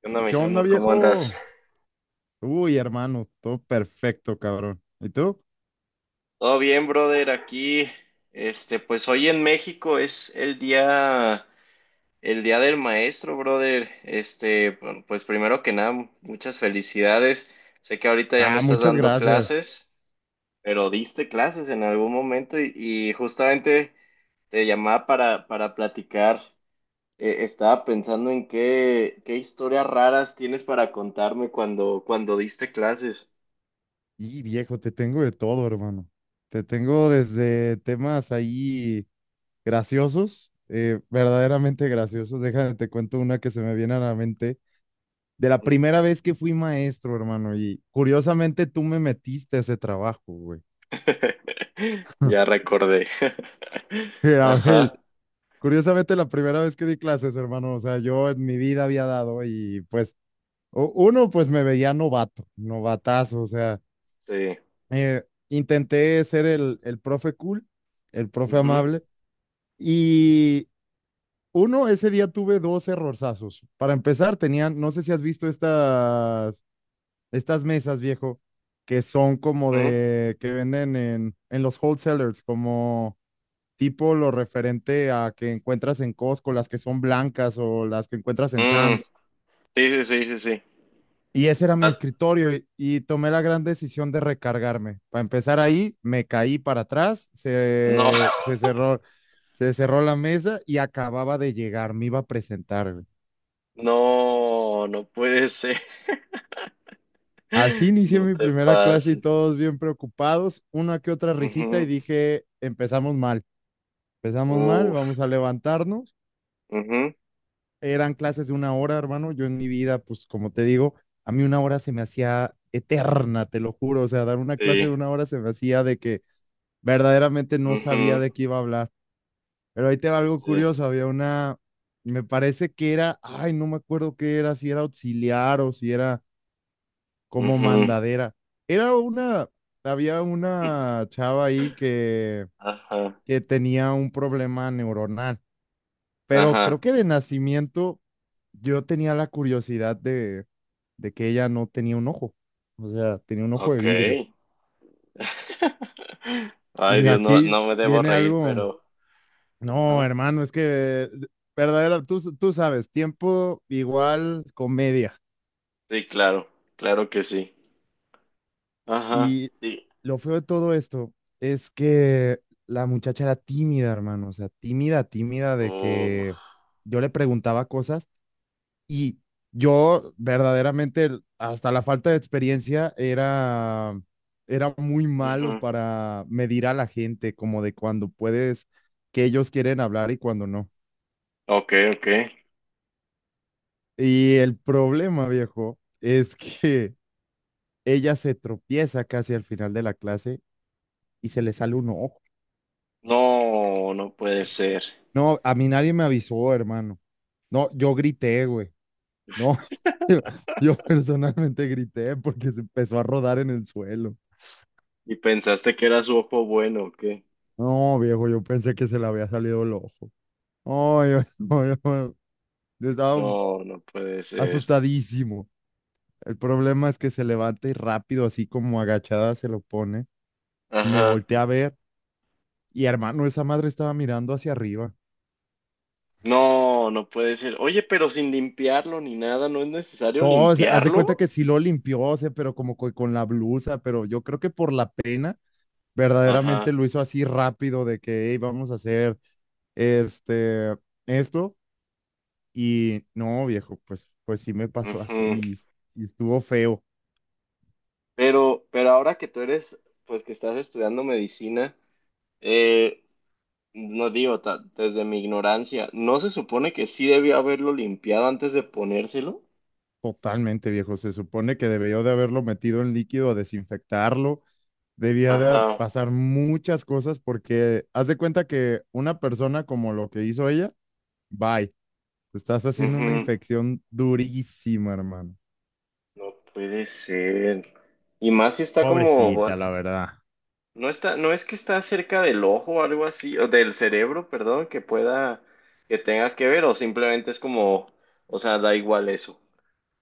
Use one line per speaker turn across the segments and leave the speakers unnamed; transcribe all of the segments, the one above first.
¿Qué onda,
¿Qué
mis
onda,
amor? ¿Cómo andas?
viejo? Uy, hermano, todo perfecto, cabrón. ¿Y tú?
Todo bien, brother, aquí. Pues hoy en México es el día del maestro, brother. Bueno, pues primero que nada, muchas felicidades. Sé que ahorita ya no
Ah,
estás
muchas
dando
gracias.
clases, pero diste clases en algún momento y justamente te llamaba para platicar. Estaba pensando en qué historias raras tienes para contarme cuando diste clases.
Y viejo, te tengo de todo, hermano. Te tengo desde temas ahí graciosos, verdaderamente graciosos. Déjame, te cuento una que se me viene a la mente. De la primera vez que fui maestro, hermano, y curiosamente tú me metiste a ese trabajo, güey.
Ya recordé.
A ver,
Ajá,
curiosamente la primera vez que di clases, hermano, o sea, yo en mi vida había dado y pues uno, pues me veía novato, novatazo, o sea,
sí.
intenté ser el profe cool, el profe
Ujú,
amable, y uno, ese día tuve dos errorzazos. Para empezar, tenían, no sé si has visto estas, estas mesas, viejo, que son como
ujú.
de, que venden en los wholesalers, como tipo lo referente a que encuentras en Costco, las que son blancas o las que encuentras en
Mm,
Sam's.
sí, sí, sí, sí, sí.
Y ese era mi
As-
escritorio y tomé la gran decisión de recargarme. Para empezar ahí, me caí para atrás,
No,
se, se cerró la mesa y acababa de llegar, me iba a presentar, güey.
no, no puede ser.
Así inicié
No
mi
te
primera clase y
pases.
todos bien preocupados, una que otra risita y
Ujú.
dije, empezamos mal,
Uf,
vamos a levantarnos.
ujú,
Eran clases de una hora, hermano. Yo en mi vida, pues como te digo, a mí una hora se me hacía eterna, te lo juro. O sea, dar una clase de
sí,
una hora se me hacía de que verdaderamente no sabía
ujú,
de qué iba a hablar. Pero ahí te va algo
sí,
curioso, había una, me parece que era, ay, no me acuerdo qué era, si era auxiliar o si era como
ujú.
mandadera. Era una, había una chava ahí
Ajá,
que tenía un problema neuronal, pero
ajá,
creo que de nacimiento yo tenía la curiosidad de que ella no tenía un ojo, o sea, tenía un ojo de
ok.
vidrio.
Ay,
Y
Dios, no,
aquí
no me debo
viene
reír,
algo.
pero...
No,
Ajá.
hermano, es que verdadero, tú sabes, tiempo igual comedia.
Sí, claro, claro que sí. Ajá,
Y
sí.
lo feo de todo esto es que la muchacha era tímida, hermano, o sea, tímida, tímida de
Oh,
que yo le preguntaba cosas y yo verdaderamente, hasta la falta de experiencia, era, era muy malo
ujú.
para medir a la gente, como de cuando puedes, que ellos quieren hablar y cuando no.
Ok, ok.
Y el problema, viejo, es que ella se tropieza casi al final de la clase y se le sale un ojo.
No, no puede ser.
No, a mí nadie me avisó, hermano. No, yo grité, güey. No, yo, yo personalmente grité porque se empezó a rodar en el suelo.
¿Y pensaste que era su ojo bueno o qué?
No, viejo, yo pensé que se le había salido el ojo. No, yo, no, yo estaba
No, no puede ser.
asustadísimo. El problema es que se levanta y rápido, así como agachada, se lo pone. Me
Ajá.
volteé a ver. Y hermano, esa madre estaba mirando hacia arriba.
No, no puede ser. Oye, pero sin limpiarlo ni nada, ¿no es necesario
Todo, haz de cuenta
limpiarlo?
que sí lo limpió, o sea, pero como con la blusa, pero yo creo que por la pena, verdaderamente
Ajá.
lo hizo así rápido de que, "Ey, vamos a hacer este, esto." Y no, viejo, pues, pues sí me pasó así
Ujú.
y y estuvo feo,
Pero ahora que tú eres, pues que estás estudiando medicina, eh, no digo, desde mi ignorancia, ¿no se supone que sí debió haberlo limpiado antes de ponérselo?
totalmente, viejo. Se supone que debió de haberlo metido en líquido a desinfectarlo. Debía de
Ajá.
pasar muchas cosas porque haz de cuenta que una persona como lo que hizo ella, bye. Te estás haciendo una
Ujú.
infección durísima, hermano.
No puede ser. Y más si está como,
Pobrecita, la verdad.
no está, no es que está cerca del ojo o algo así, o del cerebro, perdón, que pueda, que tenga que ver, o simplemente es como, o sea, da igual eso.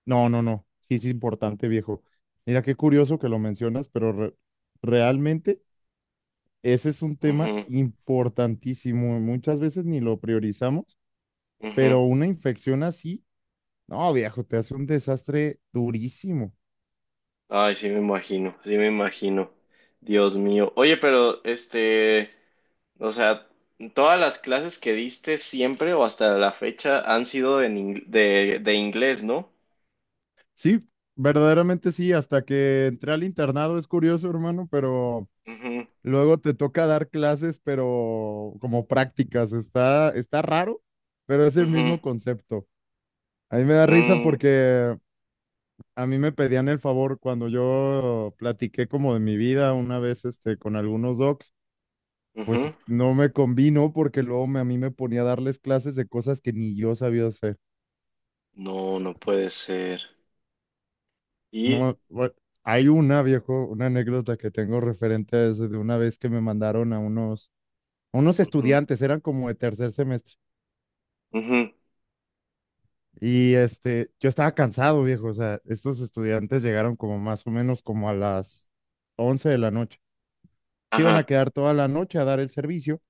No, no, no. Sí, es importante, viejo. Mira, qué curioso que lo mencionas, pero realmente ese es un tema
Ujú,
importantísimo. Muchas veces ni lo priorizamos,
ujú.
pero una infección así, no, viejo, te hace un desastre durísimo.
Ay, sí me imagino, sí me imagino. Dios mío. Oye, pero o sea, todas las clases que diste siempre o hasta la fecha han sido en de inglés, ¿no?
Sí, verdaderamente sí. Hasta que entré al internado es curioso, hermano, pero
Ujú,
luego te toca dar clases, pero como prácticas. Está, está raro, pero es el
ujú,
mismo concepto. A mí me da risa
mm,
porque a mí me pedían el favor cuando yo platiqué como de mi vida una vez este, con algunos docs, pues
ujú.
no me convino porque luego a mí me ponía a darles clases de cosas que ni yo sabía hacer.
No, no puede ser. Y,
Mo- bu- Hay una, viejo, una anécdota que tengo referente a eso de una vez que me mandaron a unos
ujú,
estudiantes, eran como de tercer semestre.
ujú,
Y este, yo estaba cansado, viejo. O sea, estos estudiantes llegaron como más o menos como a las 11 de la noche. Se iban a
ajá,
quedar toda la noche a dar el servicio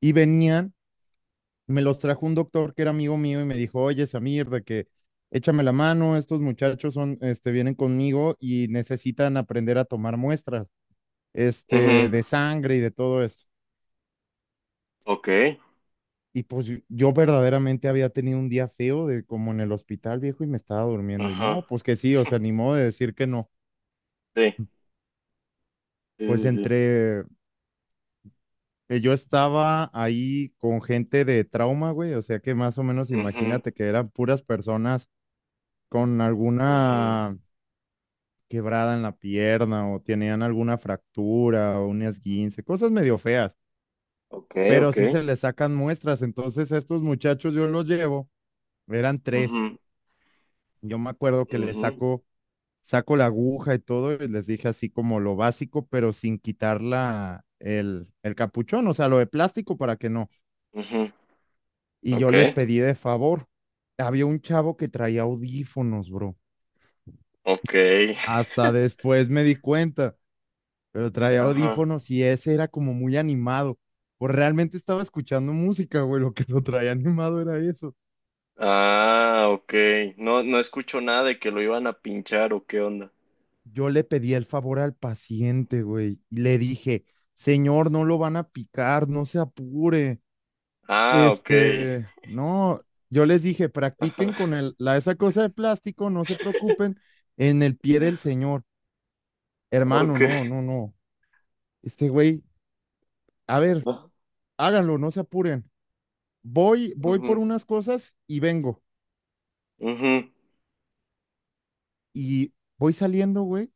y venían, me los trajo un doctor que era amigo mío y me dijo, oye, Samir, de que échame la mano, estos muchachos son, este, vienen conmigo y necesitan aprender a tomar muestras,
ujú,
este, de sangre y de todo esto.
ok,
Y pues yo verdaderamente había tenido un día feo de como en el hospital, viejo, y me estaba durmiendo. Y
ajá,
no, pues que sí, o sea, ni modo de decir que no.
sí, sí,
Pues
sí, sí,
entre, yo estaba ahí con gente de trauma, güey, o sea que más o menos
ujú,
imagínate que eran puras personas con
ujú,
alguna quebrada en la pierna o tenían alguna fractura o un esguince, cosas medio feas,
ok,
pero
ok,
sí se les sacan muestras, entonces estos muchachos yo los llevo, eran tres,
ujú,
yo me acuerdo que les
ujú,
saco, saco la aguja y todo y les dije así como lo básico, pero sin quitar la, el capuchón, o sea, lo de plástico para que no
ujú,
y yo
ok,
les pedí de favor. Había un chavo que traía audífonos, bro.
ok,
Hasta después me di cuenta, pero traía
ajá,
audífonos y ese era como muy animado. Pues realmente estaba escuchando música, güey. Lo que lo traía animado era eso.
ah, ok, no, no escucho nada de que lo iban a pinchar o qué onda.
Yo le pedí el favor al paciente, güey, y le dije, señor, no lo van a picar, no se apure.
Ah, ok,
Este, no, yo les dije,
ajá,
practiquen con el, la, esa cosa de plástico, no se preocupen, en el pie del señor. Hermano,
ok,
no, no, no. Este güey, a ver, háganlo, no se apuren. Voy, voy por
ujú,
unas cosas y vengo.
ujú,
Y voy saliendo, güey.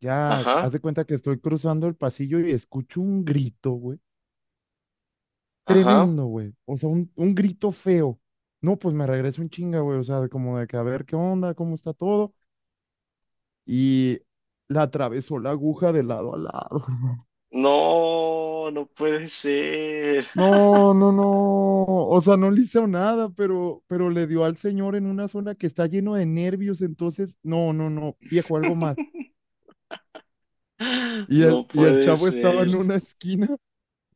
Ya, haz
ajá,
de cuenta que estoy cruzando el pasillo y escucho un grito, güey.
ajá,
Tremendo, güey. O sea, un grito feo. No, pues me regreso un chinga, güey. O sea, de como de que a ver qué onda, cómo está todo. Y la atravesó la aguja de lado a lado.
no, no puede ser.
No, no, no. O sea, no le hizo nada, pero le dio al señor en una zona que está lleno de nervios. Entonces, no, no, no, viejo, algo mal.
No
Y el
puede
chavo estaba en
ser.
una esquina,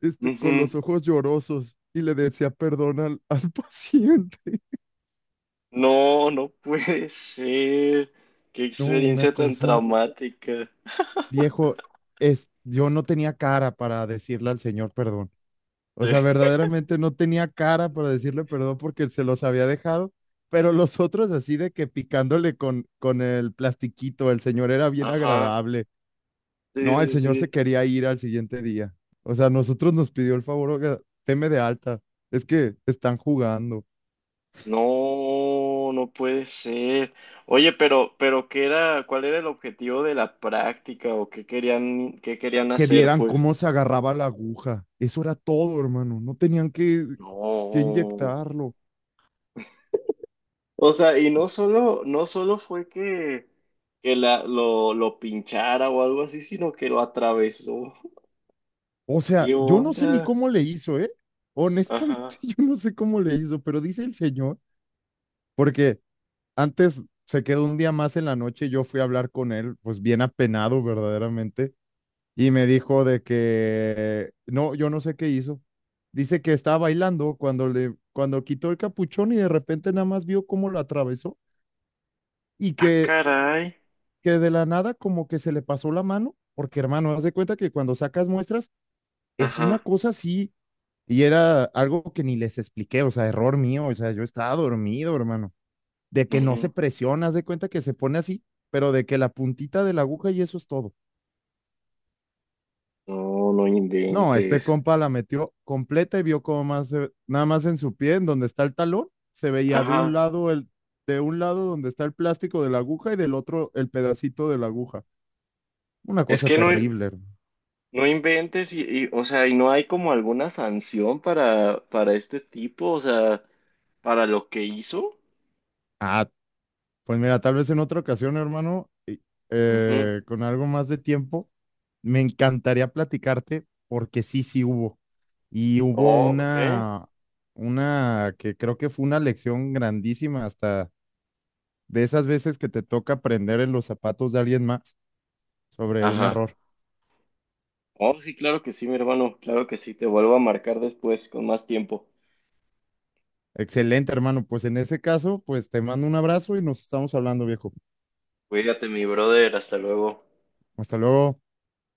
este, con
Ujú.
los ojos llorosos y le decía perdón al, al paciente.
No, no puede ser. Qué
No, una
experiencia tan
cosa,
traumática.
viejo, es, yo no tenía cara para decirle al señor perdón. O
Sí.
sea, verdaderamente no tenía cara para decirle perdón porque se los había dejado, pero los otros así de que picándole con el plastiquito, el señor era bien
Ajá.
agradable.
Sí,
No, el
sí,
señor se
sí.
quería ir al siguiente día. O sea, nosotros nos pidió el favor, oiga, teme de alta, es que están jugando.
No, no puede ser. Oye, pero ¿qué era, cuál era el objetivo de la práctica o qué querían
Que
hacer,
vieran
pues?
cómo se agarraba la aguja. Eso era todo, hermano. No tenían que
No.
inyectarlo.
O sea, y no solo, no solo fue que la, lo pinchara o algo así, sino que lo atravesó.
O sea,
¿Qué
yo no sé ni
onda?
cómo le hizo, ¿eh?
Ajá.
Honestamente, yo no sé cómo le hizo, pero dice el señor, porque antes se quedó un día más en la noche, yo fui a hablar con él, pues bien apenado verdaderamente, y me dijo de que no, yo no sé qué hizo. Dice que estaba bailando cuando le cuando quitó el capuchón y de repente nada más vio cómo lo atravesó y
Ah, caray.
que de la nada como que se le pasó la mano, porque hermano, haz de cuenta que cuando sacas muestras es una
Ajá.
cosa así y era algo que ni les expliqué, o sea, error mío, o sea, yo estaba dormido, hermano, de que no se
Ujú.
presiona, haz de cuenta que se pone así, pero de que la puntita de la aguja y eso es todo.
No, no
No, este
inventes.
compa la metió completa y vio como más, nada más en su pie, en donde está el talón, se veía
Ajá.
de un lado donde está el plástico de la aguja y del otro el pedacito de la aguja. Una
Es
cosa
que no,
terrible, hermano.
no inventes y, o sea, y no hay como alguna sanción para este tipo, o sea, para lo que hizo.
Ah, pues mira, tal vez en otra ocasión, hermano,
Ujú.
con algo más de tiempo, me encantaría platicarte porque sí, sí hubo. Y hubo
Oh, ok.
una que creo que fue una lección grandísima, hasta de esas veces que te toca aprender en los zapatos de alguien más sobre un
Ajá.
error.
Oh, sí, claro que sí, mi hermano. Claro que sí. Te vuelvo a marcar después con más tiempo.
Excelente, hermano. Pues en ese caso, pues te mando un abrazo y nos estamos hablando, viejo.
Cuídate, mi brother. Hasta luego.
Hasta luego.